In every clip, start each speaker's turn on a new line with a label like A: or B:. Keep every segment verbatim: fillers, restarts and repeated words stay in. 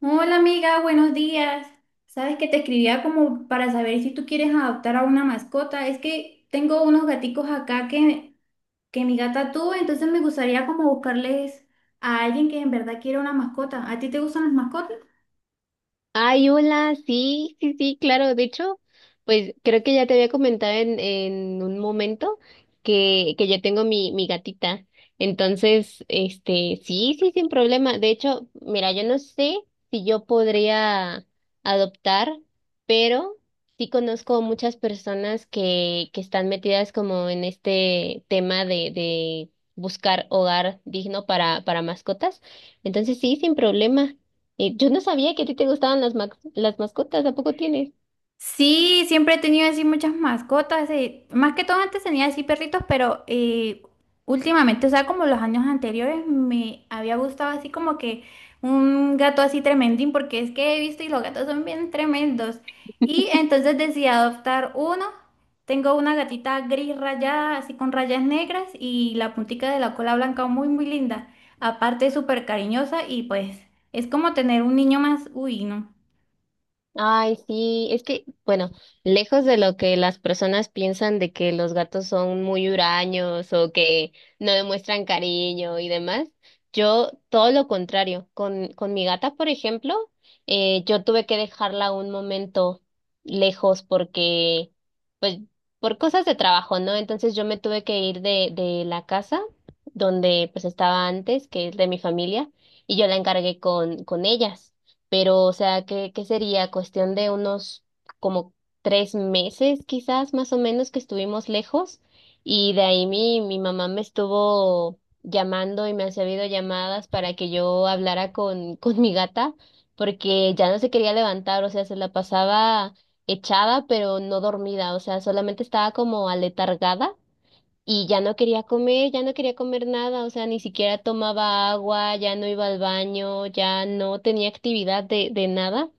A: Hola amiga, buenos días. Sabes que te escribía como para saber si tú quieres adoptar a una mascota. Es que tengo unos gaticos acá que, que mi gata tuvo, entonces me gustaría como buscarles a alguien que en verdad quiera una mascota. ¿A ti te gustan las mascotas?
B: Ay, hola, sí, sí, sí, claro. De hecho, pues creo que ya te había comentado en, en un momento que, que yo tengo mi, mi gatita. Entonces, este, sí, sí, sin problema. De hecho, mira, yo no sé si yo podría adoptar, pero sí conozco muchas personas que, que están metidas como en este tema de, de buscar hogar digno para, para mascotas. Entonces, sí, sin problema. Eh, yo no sabía que a ti te gustaban las, ma- las mascotas, ¿a poco tienes?
A: Sí, siempre he tenido así muchas mascotas, eh, más que todo antes tenía así perritos, pero eh, últimamente, o sea, como los años anteriores, me había gustado así como que un gato así tremendín, porque es que he visto y los gatos son bien tremendos. Y entonces decidí adoptar uno. Tengo una gatita gris rayada, así con rayas negras y la puntica de la cola blanca muy, muy linda. Aparte, es súper cariñosa y pues es como tener un niño más, uy, no.
B: Ay, sí, es que, bueno, lejos de lo que las personas piensan de que los gatos son muy huraños o que no demuestran cariño y demás, yo todo lo contrario. Con, con mi gata, por ejemplo, eh, yo tuve que dejarla un momento lejos porque, pues, por cosas de trabajo, ¿no? Entonces yo me tuve que ir de, de la casa donde pues estaba antes, que es de mi familia, y yo la encargué con, con ellas, pero o sea, ¿qué, qué sería? Cuestión de unos como tres meses quizás más o menos que estuvimos lejos, y de ahí mi, mi mamá me estuvo llamando y me hacía videollamadas para que yo hablara con, con mi gata porque ya no se quería levantar. O sea, se la pasaba echada pero no dormida, o sea, solamente estaba como aletargada y ya no quería comer, ya no quería comer nada. O sea, ni siquiera tomaba agua, ya no iba al baño, ya no tenía actividad de, de nada.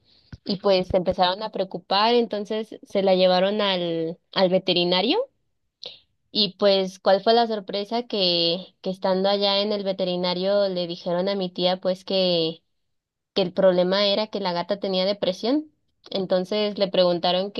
B: Y pues se empezaron a preocupar, entonces se la llevaron al, al veterinario. Y pues, ¿cuál fue la sorpresa? Que, que estando allá en el veterinario le dijeron a mi tía pues que, que el problema era que la gata tenía depresión. Entonces le preguntaron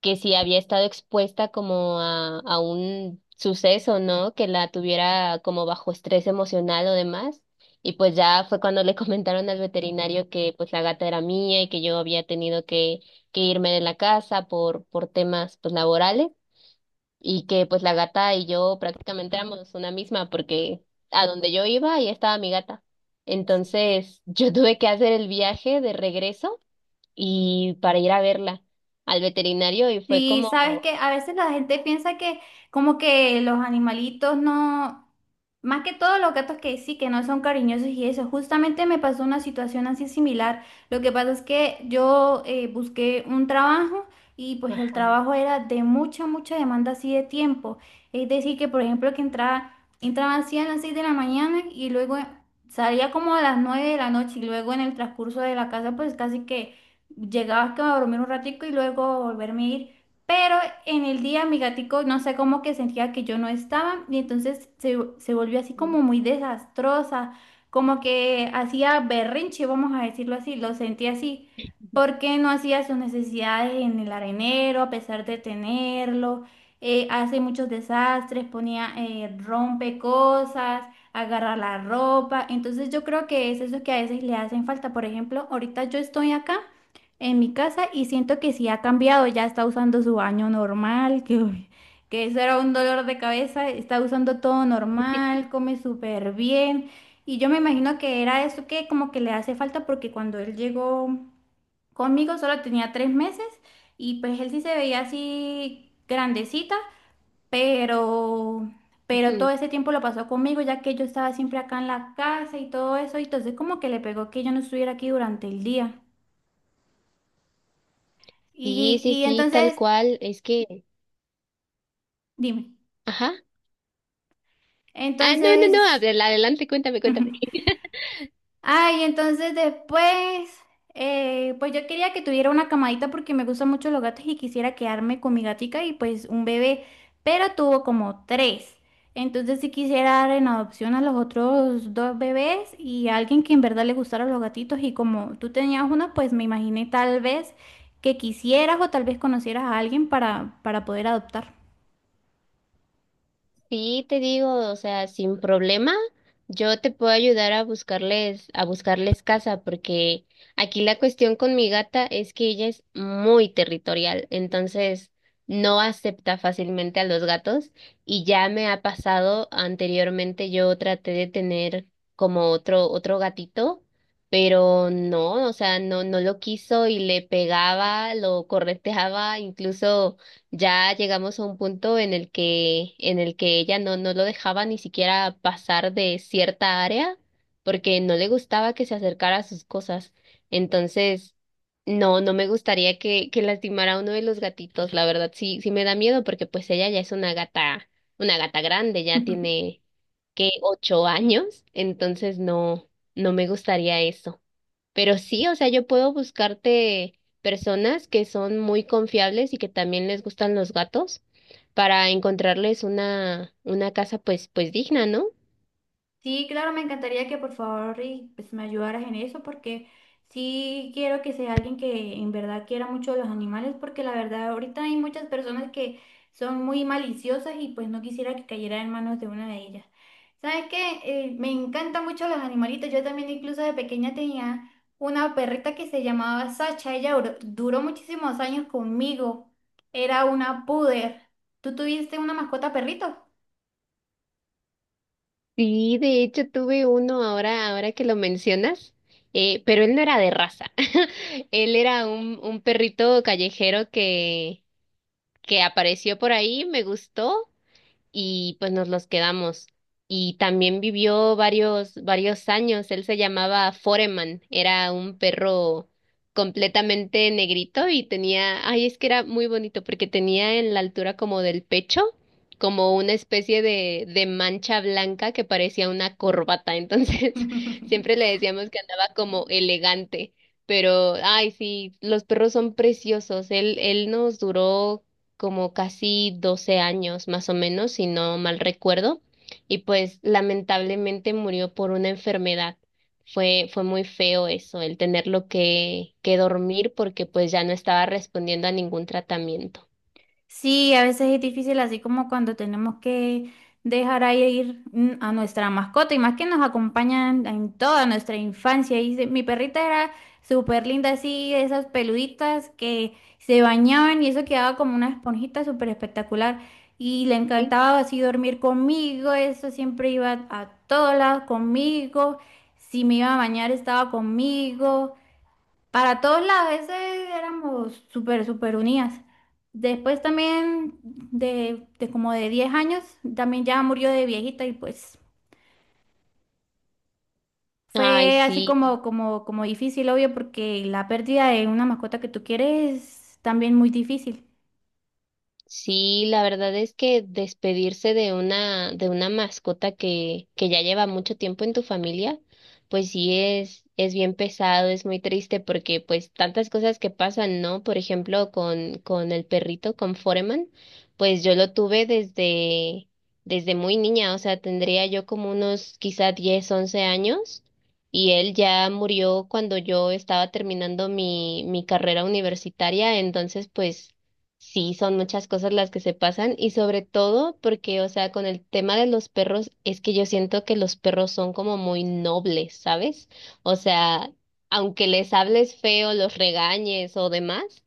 B: que si había estado expuesta como a, a un suceso, ¿no? Que la tuviera como bajo estrés emocional o demás. Y pues ya fue cuando le comentaron al veterinario que pues la gata era mía y que yo había tenido que, que irme de la casa por, por temas pues laborales, y que pues la gata y yo prácticamente éramos una misma porque a donde yo iba ahí estaba mi gata. Entonces yo tuve que hacer el viaje de regreso y para ir a verla al veterinario, y fue
A: Sí,
B: como
A: sabes que a veces la gente piensa que como que los animalitos no, más que todo los gatos que sí, que no son cariñosos y eso. Justamente me pasó una situación así similar. Lo que pasa es que yo eh, busqué un trabajo y pues el
B: ajá.
A: trabajo era de mucha, mucha demanda así de tiempo. Es decir, que por ejemplo que entraba, entraba así a las seis de la mañana y luego salía como a las nueve de la noche y luego en el transcurso de la casa pues casi que llegaba que a dormir un ratico y luego volverme a ir. Pero en el día mi gatico, no sé cómo que sentía que yo no estaba y entonces se, se volvió así como muy desastrosa, como que hacía berrinche, vamos a decirlo así, lo sentí así, porque no hacía sus necesidades en el arenero a pesar de tenerlo, eh, hace muchos desastres, ponía, eh, rompe cosas, agarra la ropa, entonces yo creo que es eso que a veces le hacen falta, por ejemplo, ahorita yo estoy acá en mi casa y siento que sí ha cambiado, ya está usando su baño normal, que, uy, que eso era un dolor de cabeza, está usando todo normal, come súper bien y yo me imagino que era eso que como que le hace falta porque cuando él llegó conmigo solo tenía tres meses y pues él sí se veía así grandecita, pero... Pero todo
B: Ujú.
A: ese tiempo lo pasó conmigo, ya que yo estaba siempre acá en la casa y todo eso, y entonces como que le pegó que yo no estuviera aquí durante el día.
B: Sí,
A: Y,
B: sí,
A: y
B: sí, tal
A: entonces
B: cual. Es que,
A: dime.
B: ajá. Ah, no, no, no,
A: Entonces,
B: adel- adelante, cuéntame, cuéntame.
A: ujú, ay, entonces después, eh, pues yo quería que tuviera una camadita porque me gustan mucho los gatos y quisiera quedarme con mi gatica y pues un bebé, pero tuvo como tres. Entonces sí quisiera dar en adopción a los otros dos bebés y a alguien que en verdad le gustaran los gatitos y como tú tenías uno, pues me imaginé tal vez que quisieras o tal vez conocieras a alguien para, para poder adoptar.
B: Sí, te digo, o sea, sin problema, yo te puedo ayudar a buscarles, a buscarles casa, porque aquí la cuestión con mi gata es que ella es muy territorial, entonces no acepta fácilmente a los gatos, y ya me ha pasado anteriormente. Yo traté de tener como otro otro gatito, pero no, o sea, no no lo quiso y le pegaba, lo correteaba. Incluso ya llegamos a un punto en el que, en el que ella no, no lo dejaba ni siquiera pasar de cierta área porque no le gustaba que se acercara a sus cosas. Entonces, no, no me gustaría que, que lastimara a uno de los gatitos. La verdad, sí, sí me da miedo porque pues ella ya es una gata, una gata grande, ya tiene que ocho años. Entonces, no, no me gustaría eso. Pero sí, o sea, yo puedo buscarte personas que son muy confiables y que también les gustan los gatos para encontrarles una, una casa pues, pues digna, ¿no?
A: Sí, claro, me encantaría que por favor y, pues, me ayudaras en eso porque sí quiero que sea alguien que en verdad quiera mucho los animales porque la verdad ahorita hay muchas personas que son muy maliciosas y pues no quisiera que cayera en manos de una de ellas. ¿Sabes qué? Eh, me encantan mucho los animalitos. Yo también incluso de pequeña tenía una perrita que se llamaba Sacha. Ella duró, duró muchísimos años conmigo. Era una puder. ¿Tú tuviste una mascota perrito?
B: Sí, de hecho tuve uno ahora, ahora que lo mencionas, eh, pero él no era de raza. Él era un, un perrito callejero que, que apareció por ahí, me gustó y pues nos los quedamos. Y también vivió varios, varios años. Él se llamaba Foreman, era un perro completamente negrito y tenía, ay, es que era muy bonito porque tenía en la altura como del pecho, como una especie de, de mancha blanca que parecía una corbata. Entonces, siempre le decíamos que andaba como elegante. Pero, ay, sí, los perros son preciosos. Él, él nos duró como casi doce años más o menos, si no mal recuerdo, y pues lamentablemente murió por una enfermedad. Fue, fue muy feo eso, el tenerlo que, que dormir porque pues ya no estaba respondiendo a ningún tratamiento.
A: Sí, a veces es difícil, así como cuando tenemos que dejar ahí e ir mm, a nuestra mascota y más que nos acompañan en toda nuestra infancia. Y se- mi perrita era súper linda, así, de esas peluditas que se bañaban y eso quedaba como una esponjita súper espectacular. Y le
B: Sí.
A: encantaba así dormir conmigo, eso siempre iba a todos lados conmigo. Si me iba a bañar, estaba conmigo. Para todos lados, ese éramos súper, súper unidas. Después también de, de como de diez años, también ya murió de viejita y pues
B: Ay,
A: fue así
B: sí.
A: como, como, como difícil, obvio, porque la pérdida de una mascota que tú quieres es también muy difícil.
B: Sí, la verdad es que despedirse de una, de una mascota que, que ya lleva mucho tiempo en tu familia, pues sí es, es bien pesado, es muy triste porque pues tantas cosas que pasan, ¿no? Por ejemplo, con, con el perrito, con Foreman, pues yo lo tuve desde, desde muy niña. O sea, tendría yo como unos quizá diez once años, y él ya murió cuando yo estaba terminando mi, mi carrera universitaria. Entonces pues sí, son muchas cosas las que se pasan, y sobre todo porque, o sea, con el tema de los perros, es que yo siento que los perros son como muy nobles, ¿sabes? O sea, aunque les hables feo, los regañes o demás,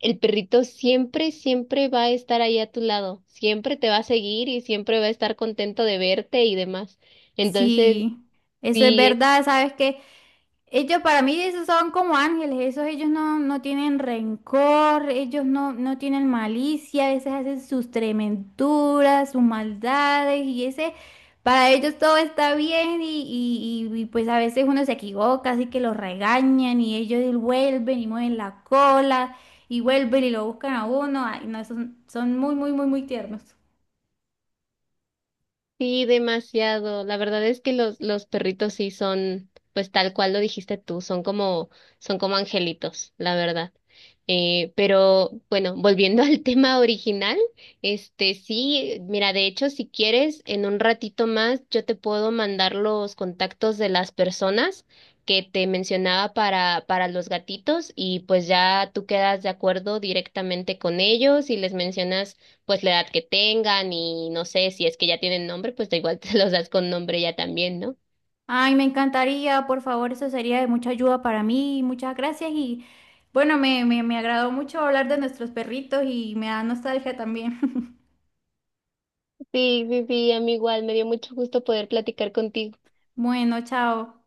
B: el perrito siempre, siempre va a estar ahí a tu lado, siempre te va a seguir y siempre va a estar contento de verte y demás. Entonces,
A: Sí, eso es
B: sí,
A: verdad, sabes que ellos para mí esos son como ángeles, esos ellos no, no tienen rencor, ellos no, no tienen malicia, a veces hacen sus trementuras, sus maldades y ese, para ellos todo está bien y, y- y- y, pues a veces uno se equivoca, así que los regañan y ellos vuelven y mueven la cola y vuelven y lo buscan a uno, ay no, son, son muy, muy, muy, muy tiernos.
B: sí. Demasiado. La verdad es que los, los perritos sí son, pues tal cual lo dijiste tú, son como, son como angelitos, la verdad. Eh, pero bueno, volviendo al tema original, este sí, mira, de hecho, si quieres, en un ratito más yo te puedo mandar los contactos de las personas que te mencionaba para, para los gatitos, y pues ya tú quedas de acuerdo directamente con ellos y les mencionas pues la edad que tengan, y no sé si es que ya tienen nombre, pues da igual te los das con nombre ya también, ¿no?
A: Ay, me encantaría, por favor, eso sería de mucha ayuda para mí. Muchas gracias y bueno, me, me, me agradó mucho hablar de nuestros perritos y me da nostalgia también.
B: Sí, sí, sí, a mí igual me dio mucho gusto poder platicar contigo.
A: Bueno, chao.